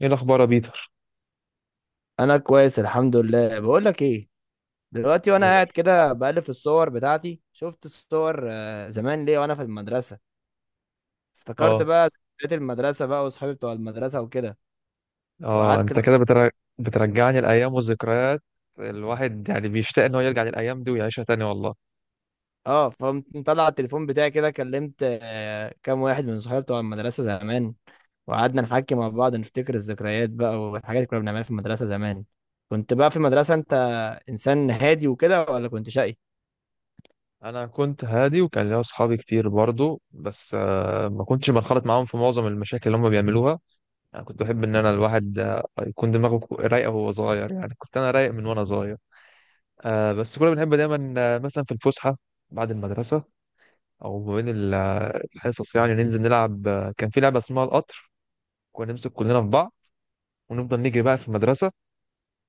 ايه الاخبار يا بيتر؟ انا كويس الحمد لله. بقول لك ايه، دلوقتي مين وانا يا قاعد باشا؟ كده بقلب في الصور بتاعتي، شفت الصور زمان ليه وانا في المدرسه. افتكرت اه. بقى ذكريات المدرسه بقى، واصحابي بتوع المدرسه وكده، اه وقعدت انت بقى. كده بتر... بترجعني الايام والذكريات. الواحد يعني بيشتاق ان هو يرجع للايام دي ويعيشها تاني والله. اه فقمت مطلع التليفون بتاعي كده، كلمت كام واحد من صحابي بتوع المدرسه زمان. وقعدنا نحكي مع بعض، نفتكر الذكريات بقى والحاجات اللي كنا بنعملها في المدرسه زمان. كنت بقى في المدرسه انت، انسان هادي وكده ولا كنت شقي؟ انا كنت هادي وكان ليا اصحابي كتير برضو، بس ما كنتش بنخرط معاهم في معظم المشاكل اللي هم بيعملوها. انا كنت بحب ان انا الواحد يكون دماغه رايقه وهو صغير، يعني كنت انا رايق من وانا صغير. بس كنا بنحب دايما، مثلا في الفسحه بعد المدرسه، او ما بين الحصص، يعني ننزل نلعب، كان في لعبه اسمها القطر. كنا نمسك كلنا في بعض ونفضل نجري بقى في المدرسه.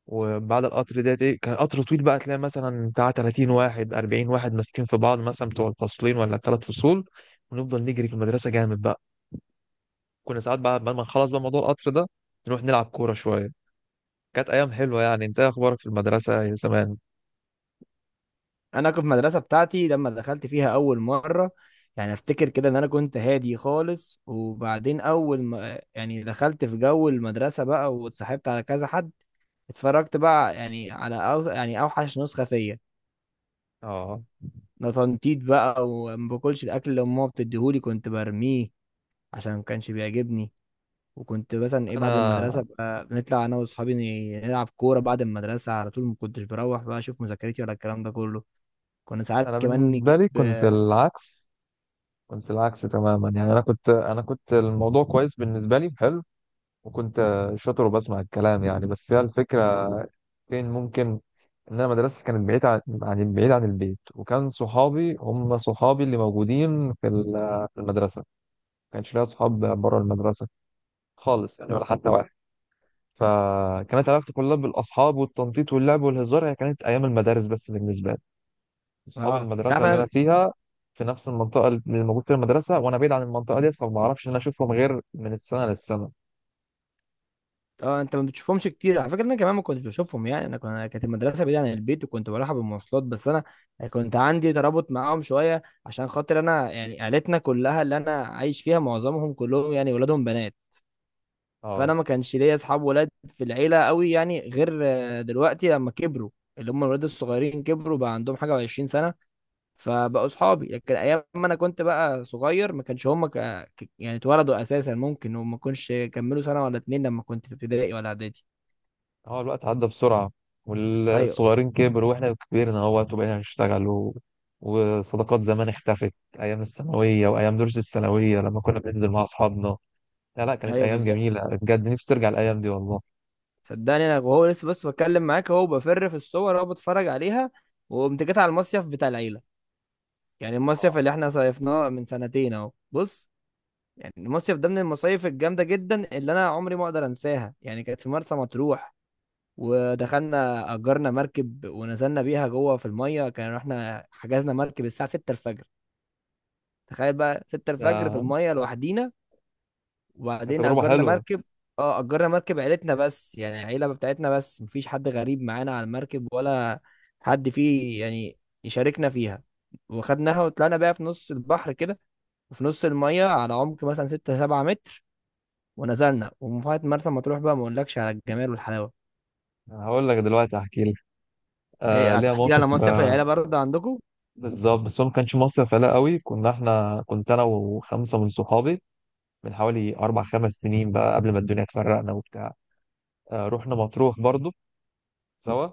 وبعد القطر ده ايه، كان قطر طويل بقى، تلاقي مثلا بتاع 30 واحد 40 واحد ماسكين في بعض، مثلا بتوع الفصلين ولا الثلاث فصول. ونفضل نجري في المدرسه جامد بقى. كنا ساعات بقى بعد ما نخلص بقى موضوع القطر ده نروح نلعب كوره شويه. كانت ايام حلوه يعني. انت إيه اخبارك في المدرسه يا زمان؟ انا كنت في المدرسه بتاعتي لما دخلت فيها اول مره، يعني افتكر كده ان انا كنت هادي خالص. وبعدين اول ما يعني دخلت في جو المدرسه بقى واتصاحبت على كذا حد، اتفرجت بقى يعني على أو يعني اوحش نسخه فيا. اه. ده تنطيط بقى، وما باكلش الاكل اللي امها بتديهولي، كنت برميه عشان ما كانش بيعجبني. وكنت مثلا ايه بعد المدرسه انا بقى بنطلع انا واصحابي نلعب كوره بعد المدرسه على طول، ما كنتش بروح بقى اشوف مذاكرتي ولا الكلام ده كله. كنا ساعات انا كمان بالنسبه نجيب. لي كنت العكس، كنت العكس تماما، يعني انا كنت الموضوع كويس بالنسبه لي، حلو، وكنت شاطر وبسمع الكلام يعني. بس هي الفكره فين ممكن، ان انا مدرستي كانت بعيد عن البيت، وكان صحابي هم صحابي اللي موجودين في في المدرسه. ما كانش ليا صحاب بره المدرسه خالص يعني، ولا حتى واحد. فكانت علاقتي كلها بالاصحاب والتنطيط واللعب والهزار، هي كانت ايام المدارس بس بالنسبه لي، اصحاب اه انت المدرسه عارف اللي انا فيها في نفس المنطقه اللي موجود فيها المدرسه، وانا بعيد عن المنطقه ديت، فما اعرفش ان انا اشوفهم غير من السنه للسنه. اه انت ما بتشوفهمش كتير على فكره، انا كمان ما كنتش بشوفهم. يعني انا كانت المدرسه بعيده عن البيت وكنت بروحها بالمواصلات، بس انا كنت عندي ترابط معاهم شويه عشان خاطر انا، يعني عيلتنا كلها اللي انا عايش فيها معظمهم كلهم يعني ولادهم بنات. فانا اه. ما كانش ليا اصحاب ولاد في العيله قوي، يعني غير دلوقتي لما كبروا، اللي هم الولاد الصغيرين كبروا بقى عندهم حاجه و20 سنه، فبقوا صحابي. لكن ايام ما انا كنت بقى صغير ما كانش هم يعني اتولدوا اساسا، ممكن وما كانش كملوا سنه ولا اتنين لما كنت في ابتدائي ولا اعدادي. هو الوقت عدى بسرعة ايوه، والصغيرين كبروا واحنا كبرنا اهوت وبقينا نشتغل و... وصداقات زمان اختفت. ايام الثانوية وايام دروس الثانوية لما كنا بننزل مع اصحابنا، لا لا كانت ايوه، ايام بالظبط. جميلة بجد، نفسي ترجع الايام دي والله. صدقني، انا وهو لسه، بس بتكلم معاك اهو، بفر في الصور اهو، بتفرج عليها. وقمت جيت على المصيف بتاع العيله، يعني المصيف اللي احنا صيفناه من سنتين اهو. بص، يعني المصيف ده من المصايف الجامده جدا اللي انا عمري ما اقدر انساها، يعني كانت في مرسى مطروح. ودخلنا أجرنا مركب ونزلنا بيها جوه في المية، كان احنا حجزنا مركب الساعة 6 الفجر. تخيل بقى 6 الفجر في ده المية لوحدينا. كانت وبعدين تجربة أجرنا حلوة. مركب، اه أجرنا مركب عيلتنا بس، يعني العيلة بتاعتنا بس، مفيش حد غريب معانا على المركب ولا حد فيه يعني يشاركنا فيها. وخدناها وطلعنا بيها في نص البحر كده، وفي نص المية على عمق مثلا 6 7 متر، ونزلنا ومفاهات مرسى مطروح بقى ما اقولكش على الجمال والحلاوة. أنا هقول لك دلوقتي، هحكي لك. ايه ليها هتحكي لي موقف. على مصيف العيلة برضه عندكم؟ بالظبط. بس هو ما كانش مصيف لا قوي، كنا احنا، كنت انا وخمسه من صحابي، من حوالي اربع خمس سنين بقى، قبل ما الدنيا تفرقنا وبتاع. رحنا مطروح برضو سوا.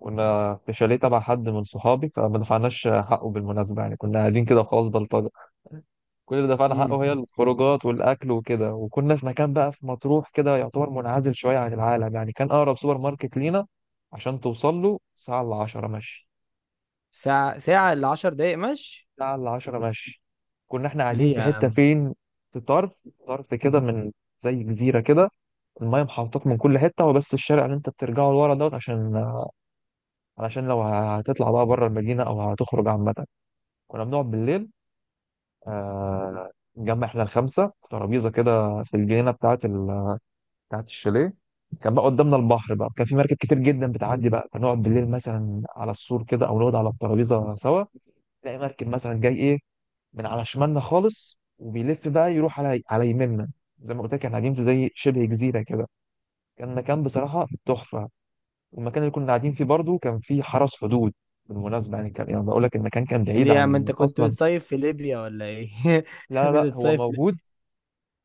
كنا في شاليه تبع حد من صحابي فما دفعناش حقه بالمناسبة، يعني كنا قاعدين كده خلاص بلطجة. كل اللي دفعنا حقه هي الخروجات والأكل وكده. وكنا في مكان بقى في مطروح كده يعتبر منعزل شوية عن العالم، يعني كان أقرب سوبر ماركت لينا عشان توصل له ساعة إلا عشرة مشي. ساعة، ساعة إلا 10 دقايق مشي. ساعة إلا عشرة مشي. كنا إحنا قاعدين ليه في يا حتة عم فين، في طرف، طرف كده، من زي جزيرة كده، المايه محوطاك من كل حتة، وبس الشارع اللي أنت بترجعه لورا دوت، عشان علشان لو هتطلع بقى بره المدينة أو هتخرج عامة. كنا بنقعد بالليل، نجمع احنا الخمسه في ترابيزه كده في الجنينه بتاعه الشاليه. كان بقى قدامنا البحر بقى، كان في مركب كتير جدا بتعدي بقى، فنقعد بالليل مثلا على السور كده او نقعد على الترابيزه سوا. تلاقي مركب مثلا جاي ايه من على شمالنا خالص وبيلف بقى يروح على يميننا. زي ما قلت لك احنا قاعدين في زي شبه جزيره كده. كان مكان بصراحه تحفه. والمكان اللي كنا قاعدين فيه برضو كان فيه حرس حدود بالمناسبه، يعني كان يعني بقول لك المكان كان ليه بعيد يا عم انت عن كنت اصلا. بتصيف في ليبيا ولا ايه؟ لا كنت لا لا، هو بتصيف في ليبيا. موجود.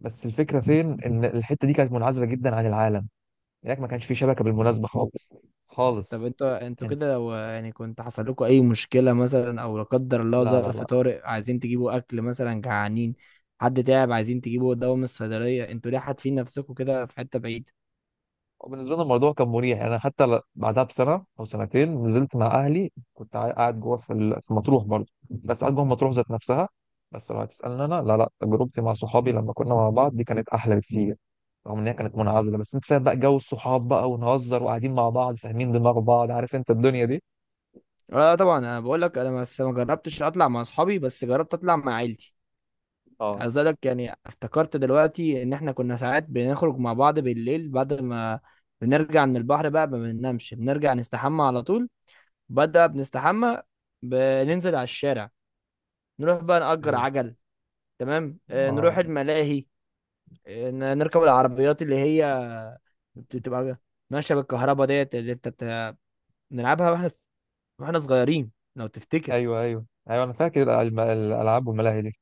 بس الفكرة فين إن الحتة دي كانت منعزلة جدا عن العالم، هناك ما كانش في شبكة بالمناسبة خالص طب خالص. انتوا انت. كده، لو يعني كنت حصل لكم اي مشكلة مثلا او لا قدر الله لا لا ظرف لا. طارئ، عايزين تجيبوا اكل مثلا جعانين، حد تعب عايزين تجيبوا دواء من الصيدلية، انتوا ليه حاتفين نفسكم كده في حتة بعيدة؟ وبالنسبة لنا الموضوع كان مريح، يعني أنا حتى بعدها بسنة أو سنتين نزلت مع أهلي، كنت قاعد جوه في في مطروح برضه، بس قاعد جوه مطروح ذات نفسها. بس لو هتسألني أنا، لا لا، تجربتي مع صحابي لما كنا مع بعض دي كانت أحلى بكتير. رغم إن هي كانت منعزلة، بس أنت فاهم بقى جو الصحاب بقى ونهزر وقاعدين مع بعض فاهمين دماغ بعض، عارف أنت الدنيا دي. اه، طبعا انا بقول لك، انا بس ما جربتش اطلع مع اصحابي، بس جربت اطلع مع عيلتي. اه. عايز اقول لك، يعني افتكرت دلوقتي ان احنا كنا ساعات بنخرج مع بعض بالليل بعد ما بنرجع من البحر بقى، ما بننامش، بنرجع نستحمى على طول. بدأ بنستحمى، بننزل على الشارع، نروح بقى نأجر ايوه. عجل. تمام، نروح اه. الملاهي. نركب العربيات اللي هي بتبقى ماشية بالكهرباء ديت اللي انت بنلعبها واحنا صغيرين لو تفتكر. ايوه ايوه ايوه، انا فاكر الالعاب والملاهي دي.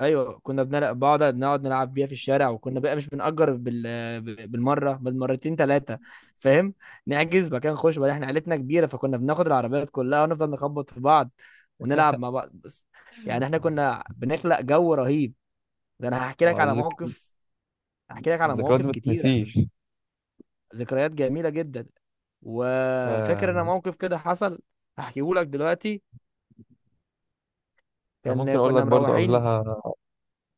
ايوه كنا بنلعب، نقعد نلعب بيها في الشارع، وكنا بقى مش بنأجر بالمره بالمرتين ثلاثه، فاهم؟ نحجز مكان خش بقى، احنا عيلتنا كبيره فكنا بناخد العربيات كلها ونفضل نخبط في بعض ونلعب مع بعض بس. يعني احنا كنا بنخلق جو رهيب. ده انا هحكي لك اه على الذك... موقف، هحكي لك على الذكريات دي مواقف ما كتيره. تنسيش. ذكريات جميله جدا. وفاكر انا آه. موقف كده حصل، هحكيه لك دلوقتي. انا ممكن اقول لك كنا برضو مروحين، قبلها.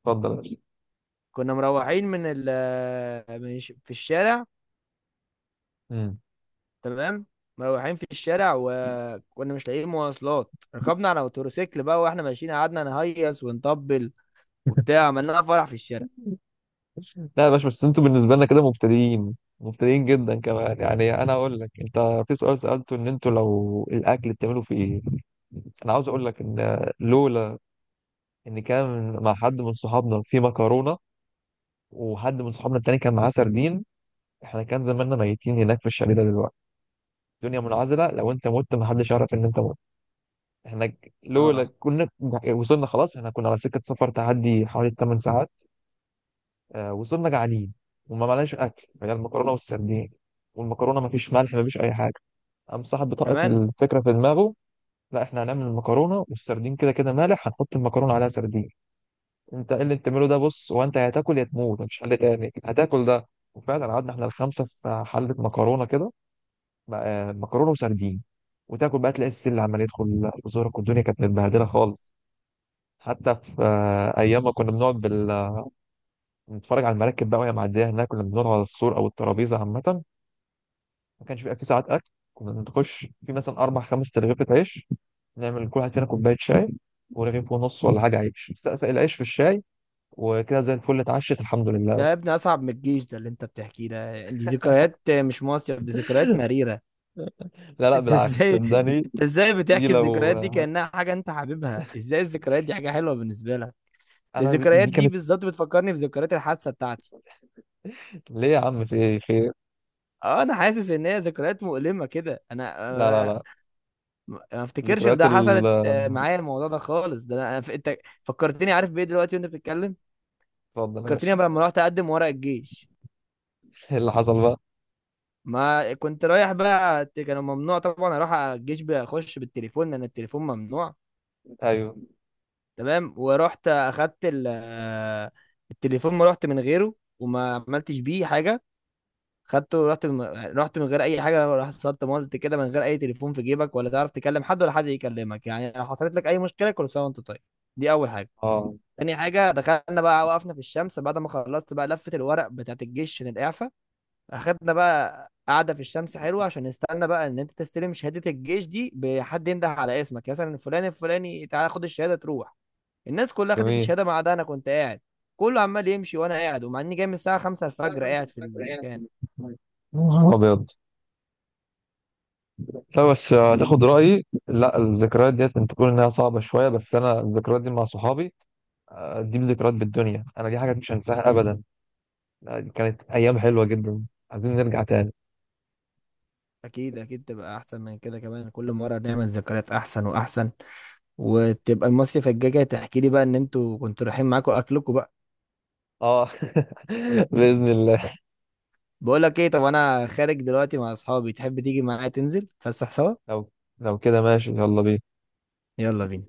اتفضل يا باشا. كنا مروحين من ال من الش- في الشارع. مم. تمام، مروحين في الشارع، وكنا مش لاقيين مواصلات، ركبنا على موتوسيكل بقى واحنا ماشيين، قعدنا نهيص ونطبل وبتاع، عملنا فرح في الشارع. لا يا باشا، بس انتوا بالنسبه لنا كده مبتدئين مبتدئين جدا كمان يعني. انا اقول لك انت، في سؤال سالته، ان انتوا لو الاكل بتعملوا في ايه. انا عاوز اقول لك ان لولا ان كان مع حد من صحابنا في مكرونه، وحد من صحابنا التاني كان معاه سردين، احنا كان زماننا ميتين هناك في الشارع ده دلوقتي. الدنيا منعزله، لو انت مت محدش يعرف ان انت مت. احنا لولا اه، كنا وصلنا خلاص، احنا كنا على سكة سفر تعدي حوالي 8 ساعات. وصلنا جعانين وما معناش اكل، هي المكرونة والسردين، والمكرونة ما فيش ملح ما فيش اي حاجة. قام صاحب بطاقة كمان. الفكرة في دماغه: لا، احنا هنعمل المكرونة والسردين، كده كده مالح، هنحط المكرونة عليها سردين. انت ايه اللي انت بتعمله ده؟ بص، هو انت يا هتاكل يا تموت، مفيش حل تاني، هتاكل ده. وفعلا قعدنا احنا الخمسة في حلة مكرونة كده، مكرونة وسردين. وتاكل بقى تلاقي السل عمال يدخل في زورك، والدنيا كانت متبهدلة خالص. حتى في ايام ما كنا نتفرج على المراكب بقى وهي معديه هناك، كنا بنقعد على السور او الترابيزه عامه. ما كانش بيبقى في ساعات اكل، كنا نخش في مثلا اربع خمس ترغيفة عيش، نعمل كل واحد فينا كوبايه شاي ورغيف ونص ولا حاجه عيش، سقسق العيش في الشاي وكده زي الفل، اتعشت الحمد ده لله. يا ابني اصعب من الجيش، ده اللي انت بتحكيه ده، دي ذكريات مش مصيف، دي ذكريات مريرة. لا لا انت بالعكس ازاي صدقني. انت ازاي دي بتحكي لو، الذكريات دي كأنها حاجة انت حاببها، ازاي الذكريات دي حاجة حلوة بالنسبة لك؟ ده انا الذكريات دي دي كانت. بالظبط بتفكرني بذكريات الحادثة بتاعتي. ليه يا عم؟ في ايه خير؟ اه، انا حاسس ان هي ذكريات مؤلمة كده. انا لا لا لا. ما افتكرش ان ذكريات ده ال حصلت معايا الموضوع ده خالص. ده انا، انت فكرتني، عارف بايه دلوقتي وانت بتتكلم؟ اتفضل يا فكرتني باشا. بقى لما رحت اقدم ورق الجيش. ايه اللي حصل بقى؟ ما كنت رايح بقى كانوا ممنوع طبعا اروح الجيش اخش بالتليفون، لان التليفون ممنوع. ايوه. تمام، ورحت اخدت التليفون، ما رحت من غيره وما عملتش بيه حاجه، خدته. رحت من غير اي حاجه، رحت صدت مولت كده من غير اي تليفون في جيبك، ولا تعرف تكلم حد ولا حد يكلمك. يعني لو حصلت لك اي مشكله، كل سنه وانت طيب. دي اول حاجه. اه. تاني حاجة، دخلنا بقى وقفنا في الشمس بعد ما خلصت بقى لفة الورق بتاعت الجيش عشان الإعفاء. أخدنا بقى قعدة في الشمس حلوة عشان نستنى بقى إن أنت تستلم شهادة الجيش دي، بحد ينده على اسمك مثلا فلان الفلاني تعالى خد الشهادة تروح. الناس كلها خدت جميل. الشهادة ما عدا أنا، كنت قاعد، كله عمال يمشي وأنا قاعد، ومع إني جاي من الساعة 5 الفجر قاعد في المكان. ابيض. لا، بس هتاخد رأيي، لا الذكريات ديت انت تقول انها صعبة شوية، بس انا الذكريات دي مع صحابي، دي ذكريات بالدنيا، انا دي حاجات مش هنساها ابدا، دي كانت ايام حلوة جدا، عايزين نرجع تاني. أكيد أكيد تبقى أحسن من كده كمان، كل مرة نعمل ذكريات أحسن وأحسن. وتبقى المصيف الجاي جاي تحكي لي بقى إن أنتوا كنتوا رايحين معاكوا أكلكم. اه. بإذن الله. بقول لك ايه؟ طب انا خارج دلوقتي مع اصحابي، تحب تيجي معايا تنزل تفسح سوا؟ لو لو كده ماشي، يلا بينا. يلا بينا.